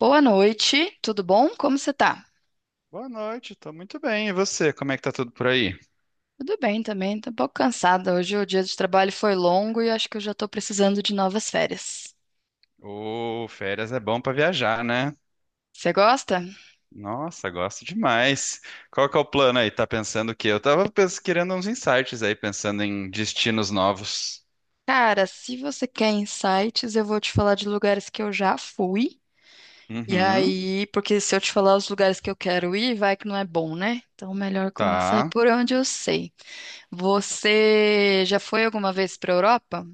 Boa noite, tudo bom? Como você tá? Boa noite, tô muito bem. E você, como é que tá tudo por aí? Tudo bem também, tô um pouco cansada. Hoje o dia de trabalho foi longo e acho que eu já tô precisando de novas férias. Ô, férias é bom pra viajar, né? Você gosta? Nossa, gosto demais. Qual que é o plano aí? Tá pensando o quê? Eu tava querendo uns insights aí, pensando em destinos novos. Cara, se você quer insights, eu vou te falar de lugares que eu já fui. E Uhum, aí, porque se eu te falar os lugares que eu quero ir, vai que não é bom, né? Então, melhor começar tá. por onde eu sei. Você já foi alguma vez para Europa?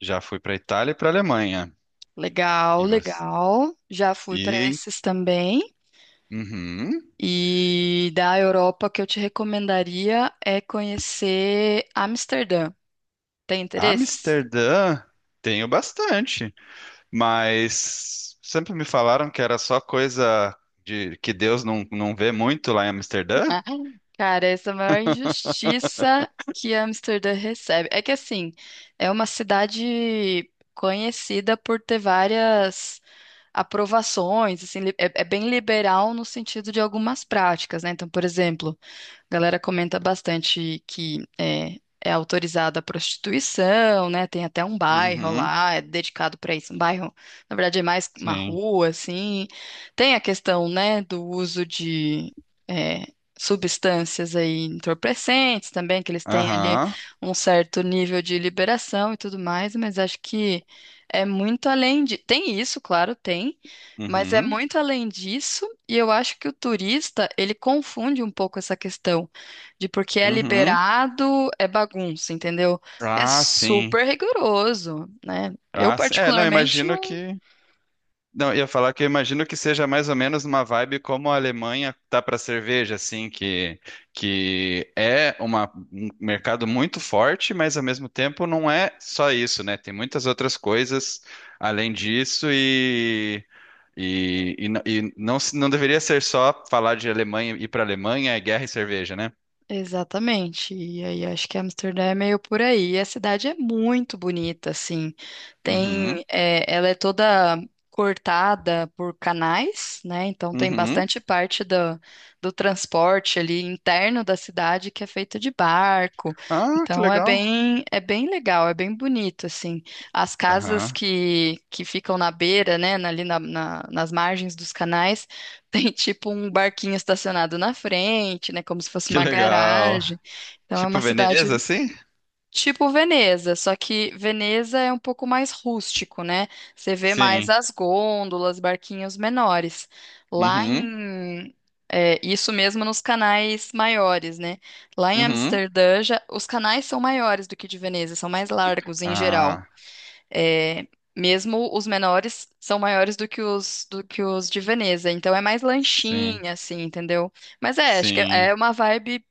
Já fui pra Itália e pra Alemanha. Legal, E você? legal. Já fui para E, esses também. uhum. E da Europa, o que eu te recomendaria é conhecer Amsterdã. Tem interesse? Amsterdã, tenho bastante, mas sempre me falaram que era só coisa de que Deus não vê muito lá em Amsterdã. Cara, essa é a maior injustiça que Amsterdã recebe. É que assim, é uma cidade conhecida por ter várias aprovações, assim, é, é bem liberal no sentido de algumas práticas, né? Então, por exemplo, a galera comenta bastante que é autorizada a prostituição, né? Tem até um bairro Uhum, lá, é dedicado para isso, um bairro, na verdade, é mais uma sim. rua, assim. Tem a questão, né, do uso de é, substâncias aí entorpecentes também, que eles têm ali Aham. um certo nível de liberação e tudo mais, mas acho que é muito além de. Tem isso, claro, tem, mas é Uhum, muito além disso, e eu acho que o turista, ele confunde um pouco essa questão de porque é uhum. liberado, é bagunça, entendeu? É Ah, sim. super rigoroso, né? Eu, Ah, sim. É, não, particularmente, imagino que. Não, eu ia falar que eu imagino que seja mais ou menos uma vibe como a Alemanha tá para cerveja, assim, que é um mercado muito forte, mas ao mesmo tempo não é só isso, né? Tem muitas outras coisas além disso e. E, e não não deveria ser só falar de Alemanha, ir para Alemanha, é guerra e cerveja, né? exatamente. E aí acho que Amsterdã é meio por aí. E a cidade é muito bonita, assim. Tem, Uhum, é, ela é toda cortada por canais, né? Então tem uhum. bastante parte do transporte ali interno da cidade que é feita de barco. Ah, que Então legal. É bem legal, é bem bonito, assim. As casas Aham. Que ficam na beira, né? Ali nas margens dos canais. Tem tipo um barquinho estacionado na frente, né? Como se fosse Que uma legal. garagem. Então é Tipo uma cidade Veneza, assim? tipo Veneza, só que Veneza é um pouco mais rústico, né? Você vê mais Sim. as gôndolas, barquinhos menores. Lá Uhum. em. É, isso mesmo nos canais maiores, né? Lá em Uhum. Amsterdã, já, os canais são maiores do que de Veneza, são mais largos em geral. Ah, É, mesmo os menores são maiores do que os de Veneza, então é mais sim. lanchinha, assim, entendeu? Mas é, acho que é Sim. uma vibe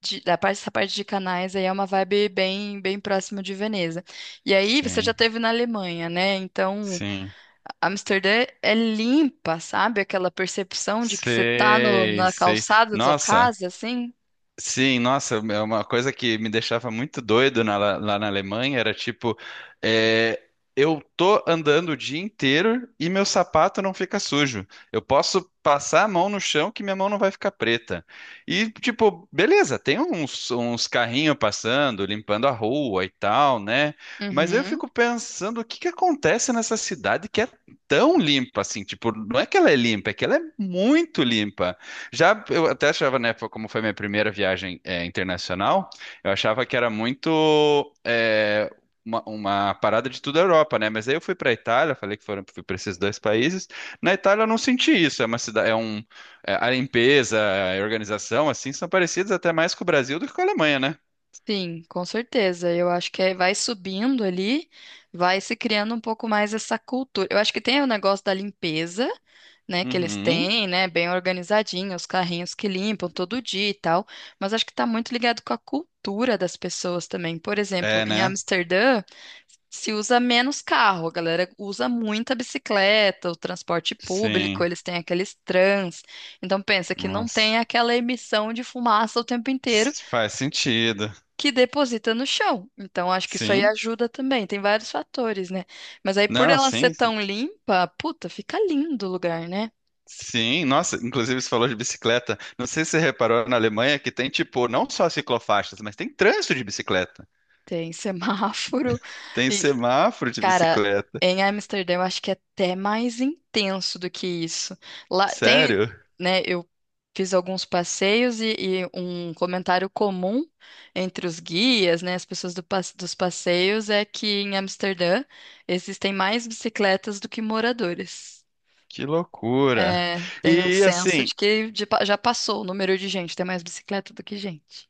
da parte, essa parte de canais aí é uma vibe bem próxima de Veneza. E aí você já Sim. teve na Alemanha, né? Então Sim. Amsterdã é limpa, sabe? Aquela percepção de que você tá Sei, na sei. calçada da sua Nossa, casa, assim. sim, nossa, é uma coisa que me deixava muito doido lá na Alemanha era tipo, é, eu tô andando o dia inteiro e meu sapato não fica sujo. Eu posso passar a mão no chão que minha mão não vai ficar preta. E tipo, beleza, tem uns carrinhos passando, limpando a rua e tal, né? Mas eu Uhum. fico pensando o que que acontece nessa cidade que é tão limpa assim, tipo, não é que ela é limpa, é que ela é muito limpa. Já eu até achava, né, como foi minha primeira viagem internacional, eu achava que era muito é, uma parada de toda a Europa, né? Mas aí eu fui para a Itália, falei que foram fui para esses dois países. Na Itália eu não senti isso. É uma cidade, é um a limpeza, a organização, assim, são parecidas até mais com o Brasil do que com a Alemanha, né? Sim, com certeza. Eu acho que aí vai subindo ali, vai se criando um pouco mais essa cultura. Eu acho que tem o negócio da limpeza, né, que eles Uhum. têm, né, bem organizadinho, os carrinhos que limpam todo dia e tal, mas acho que tá muito ligado com a cultura das pessoas também. Por exemplo, É, em né? Amsterdã, se usa menos carro, a galera usa muita bicicleta, o transporte público, Sim. eles têm aqueles trans. Então pensa que não Nossa. tem aquela emissão de fumaça o tempo inteiro Faz sentido. que deposita no chão. Então, acho que isso aí Sim. ajuda também. Tem vários fatores, né? Mas aí, por Não, ela ser sim. tão limpa, puta, fica lindo o lugar, né? Sim, nossa, inclusive você falou de bicicleta. Não sei se você reparou na Alemanha que tem, tipo, não só ciclofaixas, mas tem trânsito de bicicleta. Tem semáforo. Tem E, semáforo de cara, bicicleta. em Amsterdã, eu acho que é até mais intenso do que isso. Lá tem, Sério? né? Eu fiz alguns passeios e um comentário comum entre os guias, né? As pessoas do dos passeios é que em Amsterdã existem mais bicicletas do que moradores. Que loucura. É, tem um E senso assim, de que de já passou o número de gente, tem mais bicicleta do que gente.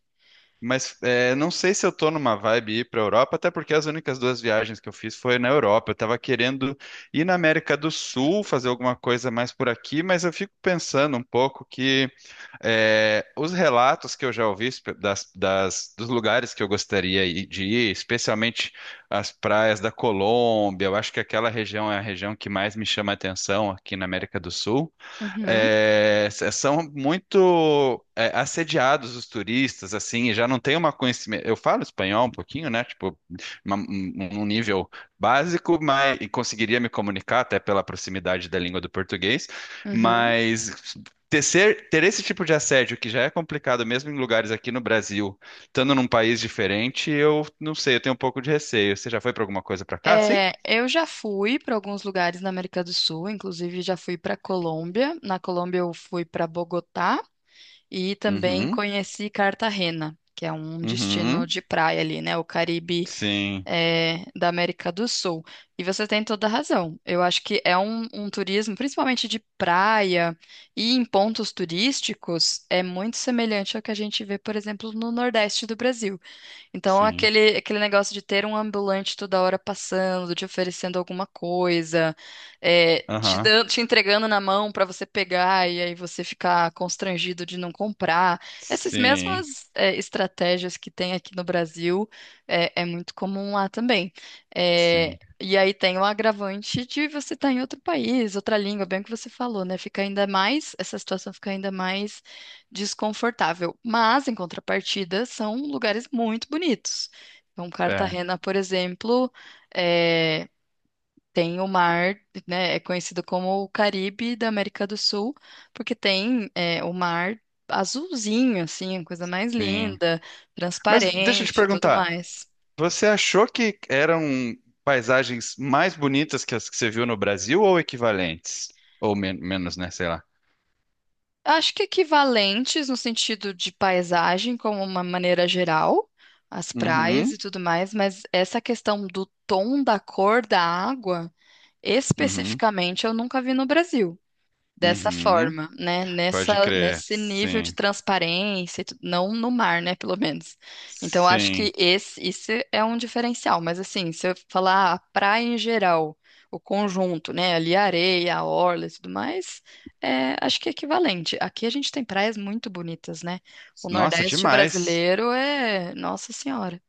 mas é, não sei se eu tô numa vibe ir pra Europa, até porque as únicas duas viagens que eu fiz foi na Europa. Eu tava querendo ir na América do Sul, fazer alguma coisa mais por aqui, mas eu fico pensando um pouco que. É, os relatos que eu já ouvi dos lugares que eu de ir, especialmente as praias da Colômbia, eu acho que aquela região é a região que mais me chama a atenção aqui na América do Sul Uhum, é, são muito assediados os turistas, assim, e já não tem uma conhecimento. Eu falo espanhol um pouquinho, né? Tipo, uma- um, um nível básico, mas e conseguiria me comunicar até pela proximidade da língua do português, uhum. mas ter esse tipo de assédio que já é complicado mesmo em lugares aqui no Brasil, estando num país diferente, eu não sei, eu tenho um pouco de receio. Você já foi para alguma coisa para cá, sim? É, eu já fui para alguns lugares na América do Sul, inclusive já fui para Colômbia. Na Colômbia eu fui para Bogotá e também Uhum, conheci Cartagena, que é um destino uhum, de praia ali, né? O Caribe sim, é, da América do Sul. E você tem toda a razão. Eu acho que é um turismo, principalmente de praia e em pontos turísticos, é muito semelhante ao que a gente vê, por exemplo, no Nordeste do Brasil. Então, sim. Aquele negócio de ter um ambulante toda hora passando, te oferecendo alguma coisa, é, te Aham. dando, te entregando na mão para você pegar e aí você ficar constrangido de não comprar. Essas Sim, mesmas, é, estratégias que tem aqui no Brasil, é, é muito comum lá também. É, sim. e aí tem o agravante de você estar em outro país, outra língua, bem o que você falou, né? Fica ainda mais, essa situação fica ainda mais desconfortável. Mas, em contrapartida, são lugares muito bonitos. Então, É, Cartagena, por exemplo, é, tem o mar, né? É conhecido como o Caribe da América do Sul, porque tem é, o mar azulzinho, assim, a coisa mais sim. linda, Mas deixa eu te transparente, e tudo perguntar, mais. você achou que eram paisagens mais bonitas que as que você viu no Brasil ou equivalentes? Ou menos, né? Sei lá. Acho que equivalentes no sentido de paisagem, como uma maneira geral, as praias Uhum, e tudo mais, mas essa questão do tom da cor da água uhum, especificamente, eu nunca vi no Brasil dessa uhum. forma, né? Pode crer. Nesse nível de Sim, transparência, e não no mar, né? Pelo menos. Então, eu acho que sim. esse, isso é um diferencial. Mas, assim, se eu falar ah, a praia em geral, o conjunto, né? Ali a areia, a orla e tudo mais, é, acho que é equivalente. Aqui a gente tem praias muito bonitas, né? O Nossa, Nordeste demais. brasileiro é. Nossa Senhora.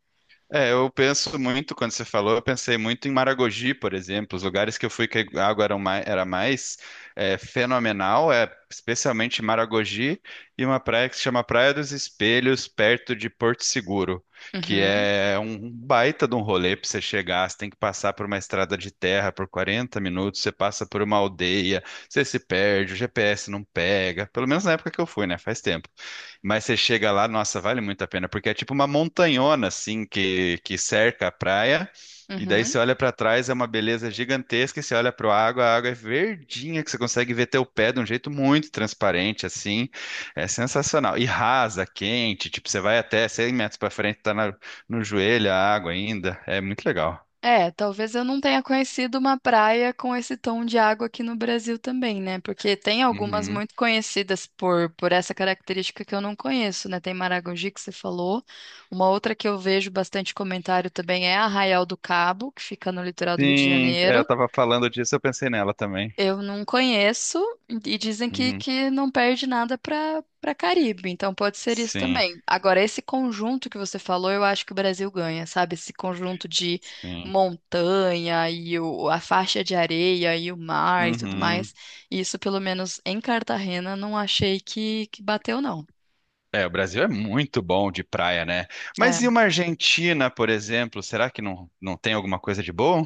É, eu penso muito, quando você falou, eu pensei muito em Maragogi, por exemplo, os lugares que eu fui que a água era mais fenomenal, é especialmente Maragogi e uma praia que se chama Praia dos Espelhos, perto de Porto Seguro, que Uhum, é um baita de um rolê para você chegar, você tem que passar por uma estrada de terra por 40 minutos, você passa por uma aldeia, você se perde, o GPS não pega, pelo menos na época que eu fui, né? Faz tempo. Mas você chega lá, nossa, vale muito a pena, porque é tipo uma montanhona assim que cerca a praia, e daí uhum. você olha pra trás, é uma beleza gigantesca, e você olha para a água é verdinha, que você consegue ver teu pé de um jeito muito transparente, assim, é sensacional. E rasa, quente, tipo, você vai até 100 metros pra frente, no joelho a água ainda, é muito legal. É, talvez eu não tenha conhecido uma praia com esse tom de água aqui no Brasil também, né? Porque tem algumas Uhum. muito conhecidas por essa característica que eu não conheço, né? Tem Maragogi, que você falou. Uma outra que eu vejo bastante comentário também é Arraial do Cabo, que fica no litoral do Rio de Sim, é, eu Janeiro. tava falando disso, eu pensei nela também. Eu não conheço e dizem Uhum. que não perde nada para Caribe, então pode ser isso Sim, também. Agora, esse conjunto que você falou, eu acho que o Brasil ganha, sabe? Esse conjunto de sim. montanha e a faixa de areia e o mar e tudo Uhum. mais. Isso, pelo menos em Cartagena, não achei que bateu, não. É, o Brasil é muito bom de praia, né? É. Mas e uma Argentina, por exemplo? Será que não tem alguma coisa de bom?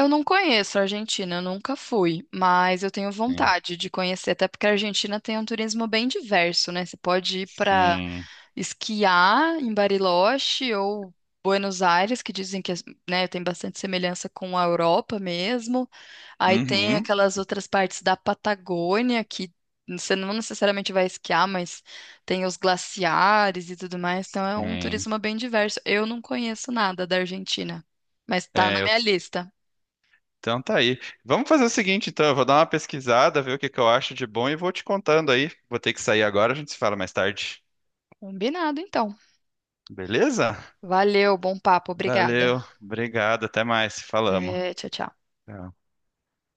Eu não conheço a Argentina, eu nunca fui, mas eu tenho Sim. vontade de conhecer, até porque a Argentina tem um turismo bem diverso, né? Você pode ir para Sim. esquiar em Bariloche ou Buenos Aires, que dizem que, né, tem bastante semelhança com a Europa mesmo. Aí tem Uhum. aquelas outras partes da Patagônia que você não necessariamente vai esquiar, mas tem os glaciares e tudo mais. Então é um Sim. turismo bem diverso. Eu não conheço nada da Argentina, mas tá na É, eu- minha lista. então tá aí. Vamos fazer o seguinte, então. Eu vou dar uma pesquisada, ver o que que eu acho de bom e vou te contando aí. Vou ter que sair agora, a gente se fala mais tarde. Combinado, então. Beleza? Valeu, bom papo, obrigada. Valeu. Obrigado. Até mais. Falamos. Até, tchau, tchau. Tchau.